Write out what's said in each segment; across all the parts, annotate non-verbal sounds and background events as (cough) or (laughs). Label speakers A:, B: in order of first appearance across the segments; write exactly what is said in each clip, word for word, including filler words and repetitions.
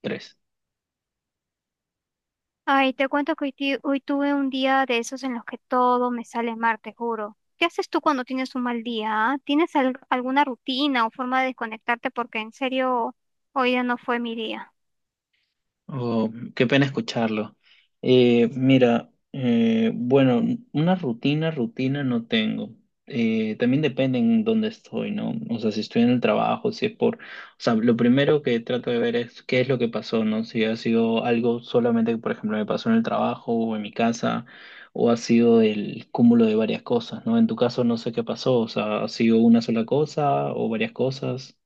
A: Tres.
B: Ay, te cuento que hoy, ti- hoy tuve un día de esos en los que todo me sale mal, te juro. ¿Qué haces tú cuando tienes un mal día? ¿ah? ¿Tienes al- alguna rutina o forma de desconectarte? Porque en serio, hoy ya no fue mi día.
A: Oh, qué pena escucharlo. Eh, mira, eh, bueno, una rutina, rutina no tengo. Eh, también depende en dónde estoy, ¿no? O sea, si estoy en el trabajo, si es por... O sea, lo primero que trato de ver es qué es lo que pasó, ¿no? Si ha sido algo solamente que, por ejemplo, me pasó en el trabajo o en mi casa, o ha sido el cúmulo de varias cosas, ¿no? En tu caso no sé qué pasó, o sea, ¿ha sido una sola cosa o varias cosas?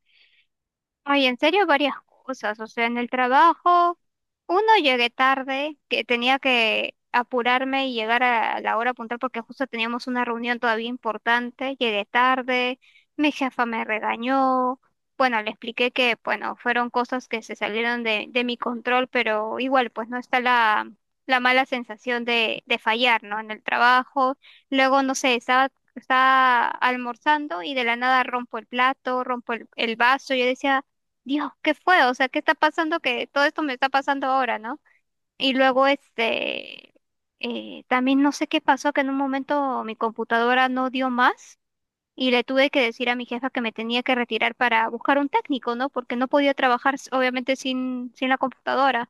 B: Ay, en serio, varias cosas. O sea, en el trabajo, uno llegué tarde, que tenía que apurarme y llegar a la hora puntual porque justo teníamos una reunión todavía importante. Llegué tarde, mi jefa me regañó. Bueno, le expliqué que, bueno, fueron cosas que se salieron de, de mi control, pero igual, pues no está la, la mala sensación de, de fallar, ¿no? En el trabajo. Luego, no sé, estaba, estaba almorzando y de la nada rompo el plato, rompo el el vaso. Yo decía, Dios, ¿qué fue? O sea, ¿qué está pasando? Que todo esto me está pasando ahora, ¿no? Y luego, este, eh, también no sé qué pasó, que en un momento mi computadora no dio más y le tuve que decir a mi jefa que me tenía que retirar para buscar un técnico, ¿no? Porque no podía trabajar, s- obviamente, sin, sin la computadora.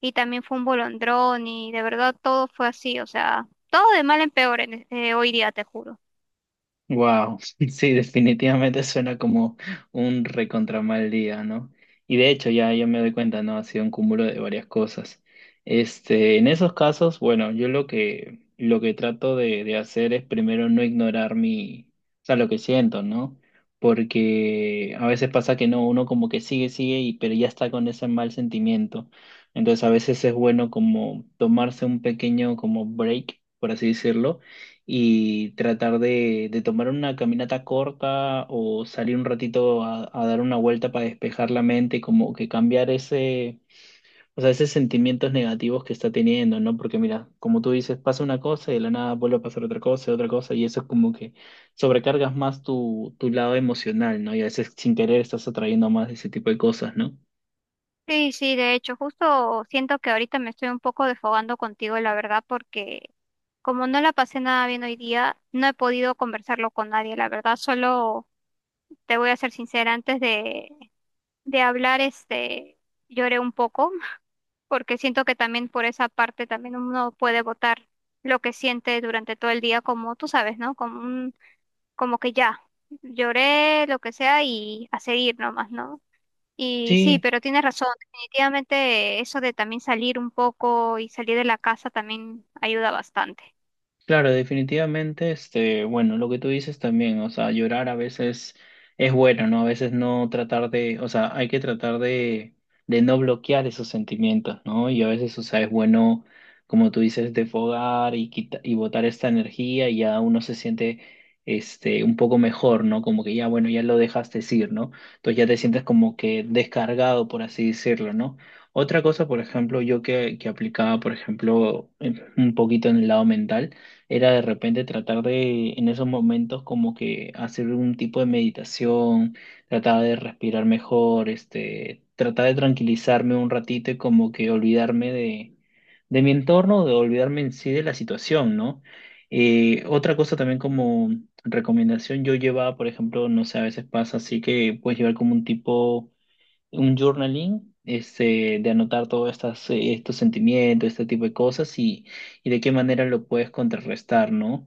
B: Y también fue un bolondrón y de verdad todo fue así, o sea, todo de mal en peor en, e- eh, hoy día, te juro.
A: Wow, (laughs) sí, definitivamente suena como un recontra mal día, ¿no? Y de hecho ya, ya me doy cuenta, ¿no? Ha sido un cúmulo de varias cosas. Este, en esos casos, bueno, yo lo que, lo que trato de, de hacer es primero no ignorar mi, o sea, lo que siento, ¿no? Porque a veces pasa que no, uno como que sigue, sigue, y, pero ya está con ese mal sentimiento. Entonces a veces es bueno como tomarse un pequeño como break, por así decirlo, y tratar de, de tomar una caminata corta o salir un ratito a, a dar una vuelta para despejar la mente, como que cambiar ese, o sea, esos sentimientos negativos que está teniendo, ¿no? Porque mira, como tú dices, pasa una cosa y de la nada vuelve a pasar otra cosa y otra cosa, y eso es como que sobrecargas más tu, tu lado emocional, ¿no? Y a veces sin querer estás atrayendo más ese tipo de cosas, ¿no?
B: Sí, sí, de hecho, justo siento que ahorita me estoy un poco desfogando contigo, la verdad, porque como no la pasé nada bien hoy día, no he podido conversarlo con nadie, la verdad, solo te voy a ser sincera, antes de, de hablar, este, lloré un poco, (laughs) porque siento que también por esa parte también uno puede votar lo que siente durante todo el día, como tú sabes, ¿no? Como un, como que ya, lloré, lo que sea, y a seguir nomás, ¿no? Y sí,
A: Sí.
B: pero tienes razón, definitivamente eso de también salir un poco y salir de la casa también ayuda bastante.
A: Claro, definitivamente, este, bueno, lo que tú dices también, o sea, llorar a veces es bueno, ¿no? A veces no tratar de, o sea, hay que tratar de, de no bloquear esos sentimientos, ¿no? Y a veces, o sea, es bueno, como tú dices, defogar y quita- y botar esta energía y ya uno se siente, este, un poco mejor, ¿no? Como que ya, bueno, ya lo dejaste ir, ¿no? Entonces ya te sientes como que descargado, por así decirlo, ¿no? Otra cosa, por ejemplo, yo que, que aplicaba, por ejemplo, en- un poquito en el lado mental, era de repente tratar de, en esos momentos, como que hacer un tipo de meditación, tratar de respirar mejor, este, tratar de tranquilizarme un ratito y como que olvidarme de, de mi entorno, de olvidarme en sí de la situación, ¿no? Eh, otra cosa también como recomendación, yo llevaba, por ejemplo, no sé, a veces pasa así que puedes llevar como un tipo un journaling este, de anotar todos estas, eh, estos sentimientos, este tipo de cosas y, y de qué manera lo puedes contrarrestar, ¿no?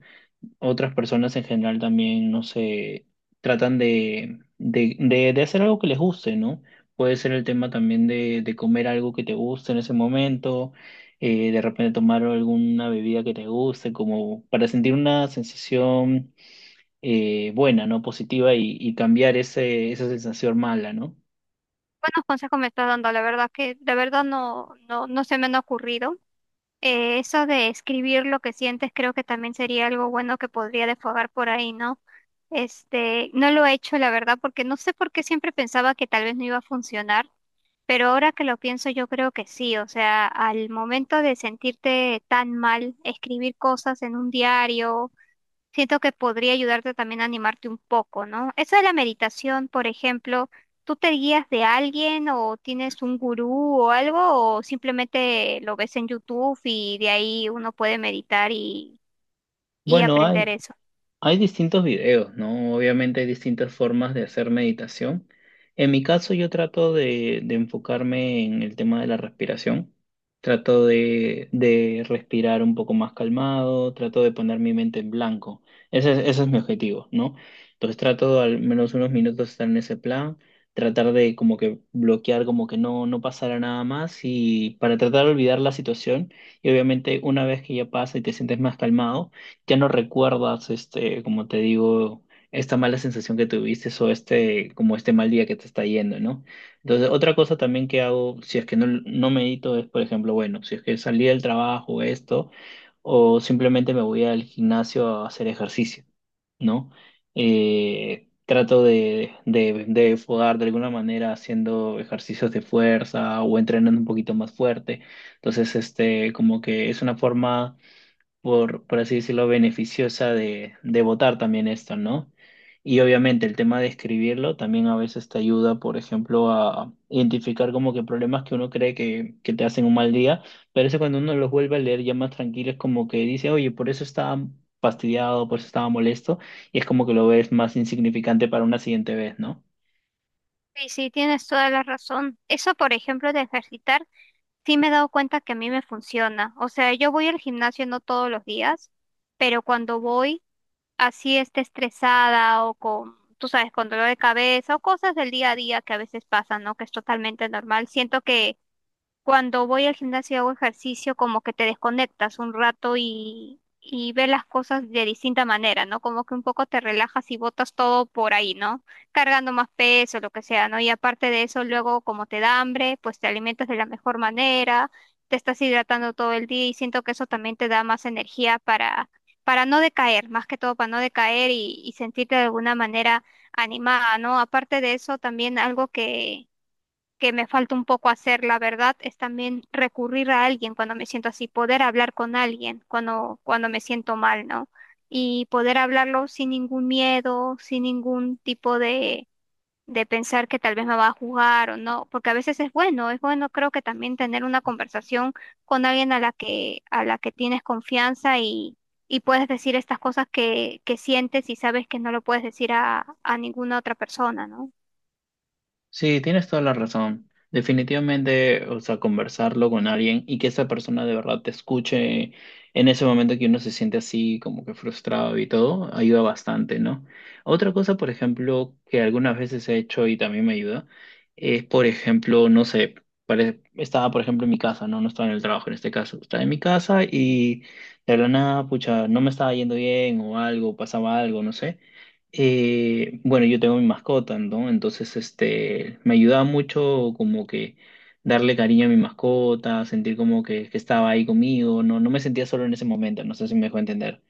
A: Otras personas en general también, no sé, tratan de, de, de, de hacer algo que les guste, ¿no? Puede ser el tema también de, de comer algo que te guste en ese momento, eh, de repente tomar alguna bebida que te guste, como para sentir una sensación eh, buena, ¿no? Positiva y, y cambiar ese, esa sensación mala, ¿no?
B: Buenos consejos me estás dando, la verdad que de verdad no, no, no se me han ocurrido. Eh, eso de escribir lo que sientes creo que también sería algo bueno que podría desfogar por ahí, ¿no? Este, no lo he hecho, la verdad, porque no sé por qué siempre pensaba que tal vez no iba a funcionar. Pero ahora que lo pienso, yo creo que sí, o sea, al momento de sentirte tan mal, escribir cosas en un diario siento que podría ayudarte también a animarte un poco, ¿no? Eso de la meditación, por ejemplo, ¿tú te guías de alguien o tienes un gurú o algo o simplemente lo ves en YouTube y de ahí uno puede meditar y, y
A: Bueno, hay
B: aprender eso?
A: Hay distintos videos, ¿no? Obviamente hay distintas formas de hacer meditación. En mi caso, yo trato de, de enfocarme en el tema de la respiración. Trato de, de respirar un poco más calmado, trato de poner mi mente en blanco. Ese es, ese es mi objetivo, ¿no? Entonces trato de al menos unos minutos estar en ese plan, tratar de como que bloquear, como que no, no pasara nada más y para tratar de olvidar la situación. Y obviamente una vez que ya pasa y te sientes más calmado, ya no recuerdas, este, como te digo, esta mala sensación que tuviste o este, como este mal día que te está yendo, ¿no? Entonces, otra cosa también que hago, si es que no, no medito, es, por ejemplo, bueno, si es que salí del trabajo, esto, o simplemente me voy al gimnasio a hacer ejercicio, ¿no? Eh, trato de, de, de fogar de alguna manera haciendo ejercicios de fuerza o entrenando un poquito más fuerte. Entonces, este, como que es una forma por, por así decirlo, beneficiosa de, de votar también esto, ¿no? Y obviamente el tema de escribirlo también a veces te ayuda, por ejemplo, a identificar como que problemas que uno cree que, que te hacen un mal día, pero eso cuando uno los vuelve a leer ya más tranquilo es como que dice, oye, por eso estaba fastidiado, por eso estaba molesto, y es como que lo ves más insignificante para una siguiente vez, ¿no?
B: Sí, sí, tienes toda la razón. Eso, por ejemplo, de ejercitar, sí me he dado cuenta que a mí me funciona. O sea, yo voy al gimnasio no todos los días, pero cuando voy... así esté estresada o con, tú sabes, con dolor de cabeza o cosas del día a día que a veces pasan, ¿no? Que es totalmente normal. Siento que cuando voy al gimnasio y hago ejercicio, como que te desconectas un rato y, y ves las cosas de distinta manera, ¿no? Como que un poco te relajas y botas todo por ahí, ¿no? Cargando más peso, lo que sea, ¿no? Y aparte de eso, luego como te da hambre, pues te alimentas de la mejor manera, te estás hidratando todo el día y siento que eso también te da más energía para, para no decaer, más que todo para no decaer y, y sentirte de alguna manera animada, ¿no? Aparte de eso, también algo que que me falta un poco hacer, la verdad, es también recurrir a alguien cuando me siento así, poder hablar con alguien cuando, cuando me siento mal, ¿no? Y poder hablarlo sin ningún miedo, sin ningún tipo de, de pensar que tal vez me va a juzgar o no, porque a veces es bueno, es bueno creo que también tener una conversación con alguien a la que, a la que tienes confianza y, y puedes decir estas cosas que, que sientes y sabes que no lo puedes decir a, a ninguna otra persona, ¿no?
A: Sí, tienes toda la razón. Definitivamente, o sea, conversarlo con alguien y que esa persona de verdad te escuche en ese momento que uno se siente así como que frustrado y todo, ayuda bastante, ¿no? Otra cosa, por ejemplo, que algunas veces he hecho y también me ayuda, es, por ejemplo, no sé, pare- estaba, por ejemplo, en mi casa, ¿no? No estaba en el trabajo en este caso, estaba en mi casa y de la nada, pucha, no me estaba yendo bien o algo, pasaba algo, no sé. Eh, bueno, yo tengo mi mascota, ¿no? Entonces, este, me ayudaba mucho como que darle cariño a mi mascota, sentir como que, que estaba ahí conmigo, no, no me sentía solo en ese momento, no sé si me dejó entender.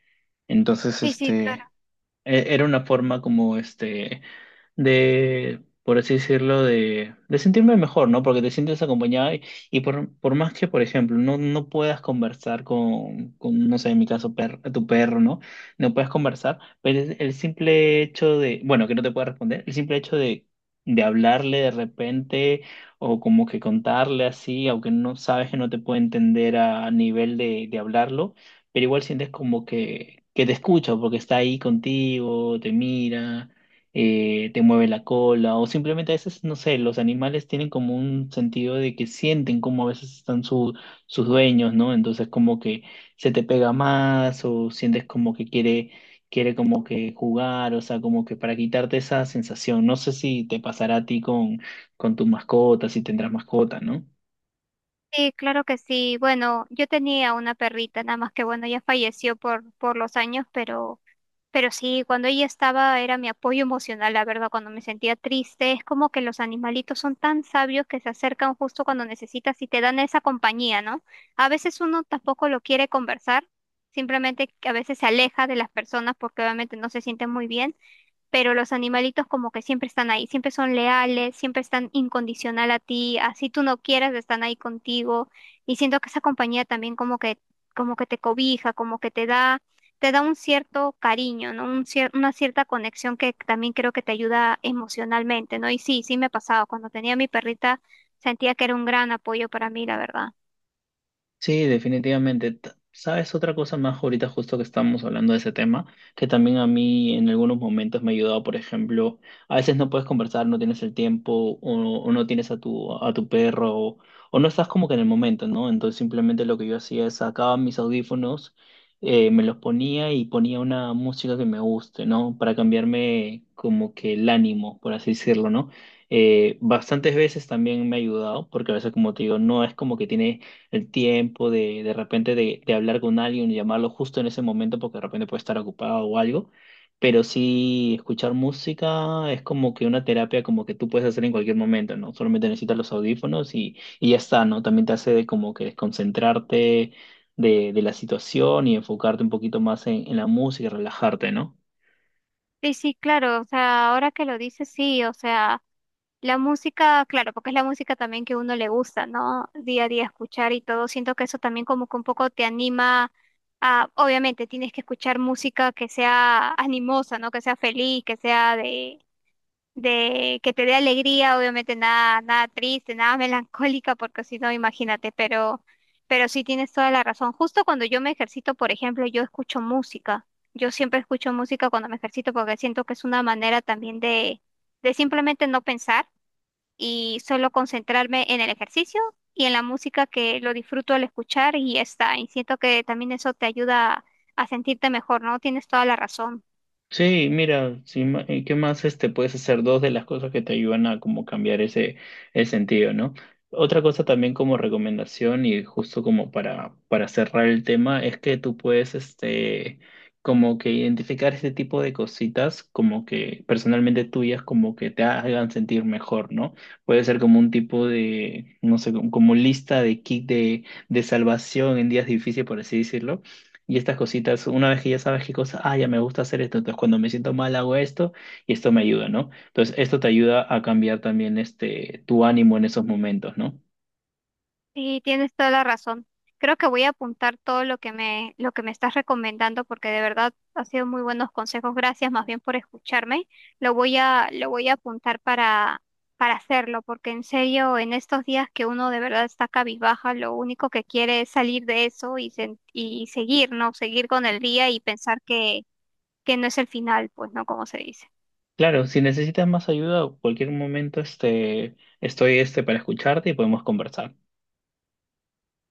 A: Entonces,
B: Sí, sí,
A: este, e- era una forma como este de, por así decirlo, de, de sentirme mejor, ¿no? Porque te sientes acompañado y, y por, por más que, por ejemplo, no, no puedas conversar con, con, no sé, en mi caso, per- tu perro, ¿no? No puedes conversar, pero es el simple hecho de, bueno, que no te pueda responder, el simple hecho de, de hablarle de repente o como que contarle así, aunque no sabes que no te puede entender a nivel de, de hablarlo, pero igual sientes como que, que te escucha porque está ahí contigo, te mira, eh, te mueve la cola, o simplemente a veces, no sé, los animales tienen como un sentido de que sienten como a veces están su- sus dueños, ¿no? Entonces como que se te pega más o sientes como que quiere, quiere como que jugar, o sea, como que para quitarte esa sensación. No sé si te pasará a ti con, con tu mascota, si tendrás mascota, ¿no?
B: sí, claro que sí. Bueno, yo tenía una perrita, nada más que bueno, ya falleció por, por los años, pero, pero sí, cuando ella estaba era mi apoyo emocional, la verdad, cuando me sentía triste. Es como que los animalitos son tan sabios que se acercan justo cuando necesitas y te dan esa compañía, ¿no? A veces uno tampoco lo quiere conversar, simplemente que a veces se aleja de las personas porque obviamente no se sienten muy bien, pero los animalitos como que siempre están ahí, siempre son leales, siempre están incondicional a ti, así tú no quieras, están ahí contigo. Y siento que esa compañía también como que, como que te cobija, como que te da, te da un cierto cariño, ¿no? Un cier- una cierta conexión que también creo que te ayuda emocionalmente, ¿no? Y sí, sí me ha pasado. Cuando tenía a mi perrita, sentía que era un gran apoyo para mí, la verdad.
A: Sí, definitivamente. T- ¿Sabes otra cosa más ahorita justo que estamos hablando de ese tema? Que también a mí en algunos momentos me ha ayudado, por ejemplo, a veces no puedes conversar, no tienes el tiempo o, o no tienes a tu, a tu perro o, o no estás como que en el momento, ¿no? Entonces simplemente lo que yo hacía es sacaba mis audífonos, eh, me los ponía y ponía una música que me guste, ¿no? Para cambiarme como que el ánimo, por así decirlo, ¿no? Eh, bastantes veces también me ha ayudado, porque a veces, como te digo, no es como que tiene el tiempo de, de repente de, de hablar con alguien y llamarlo justo en ese momento porque de repente puede estar ocupado o algo. Pero sí, escuchar música es como que una terapia como que tú puedes hacer en cualquier momento, ¿no? Solamente necesitas los audífonos y, y ya está, ¿no? También te hace de como que desconcentrarte de, de la situación y enfocarte un poquito más en, en la música y relajarte, ¿no?
B: Sí, sí, claro, o sea, ahora que lo dices, sí, o sea. La música, claro, porque es la música también que uno le gusta, ¿no? Día a día escuchar y todo. Siento que eso también como que un poco te anima a, obviamente, tienes que escuchar música que sea animosa, ¿no? Que sea feliz, que sea de, de que te dé alegría, obviamente nada, nada triste, nada (laughs) melancólica, porque si no, imagínate, pero, pero sí tienes toda la razón. Justo cuando yo me ejercito, por ejemplo, yo escucho música. Yo siempre escucho música cuando me ejercito porque siento que es una manera también de, de simplemente no pensar y solo concentrarme en el ejercicio y en la música que lo disfruto al escuchar y ya está. Y siento que también eso te ayuda a sentirte mejor, ¿no? Tienes toda la razón.
A: Sí, mira, sí, ma- eh, ¿qué más este, puedes hacer? Dos de las cosas que te ayudan a como cambiar ese, el sentido, ¿no? Otra cosa también como recomendación y justo como para, para cerrar el tema es que tú puedes este, como que identificar ese tipo de cositas como que personalmente tuyas como que te hagan sentir mejor, ¿no? Puede ser como un tipo de, no sé, como como lista de kit de, de salvación en días difíciles, por así decirlo, y estas cositas, una vez que ya sabes qué cosas, ah, ya me gusta hacer esto, entonces cuando me siento mal hago esto y esto me ayuda, ¿no? Entonces esto te ayuda a cambiar también este, tu ánimo en esos momentos, ¿no?
B: Sí, tienes toda la razón. Creo que voy a apuntar todo lo que me, lo que me estás recomendando porque de verdad ha sido muy buenos consejos. Gracias más bien por escucharme. Lo voy a, lo voy a apuntar para, para hacerlo porque en serio, en estos días que uno de verdad está cabizbaja, lo único que quiere es salir de eso y, sen- y seguir, ¿no? Seguir con el día y pensar que, que no es el final, pues, ¿no? Como se dice.
A: Claro, si necesitas más ayuda o cualquier momento, este, estoy este, para escucharte y podemos conversar.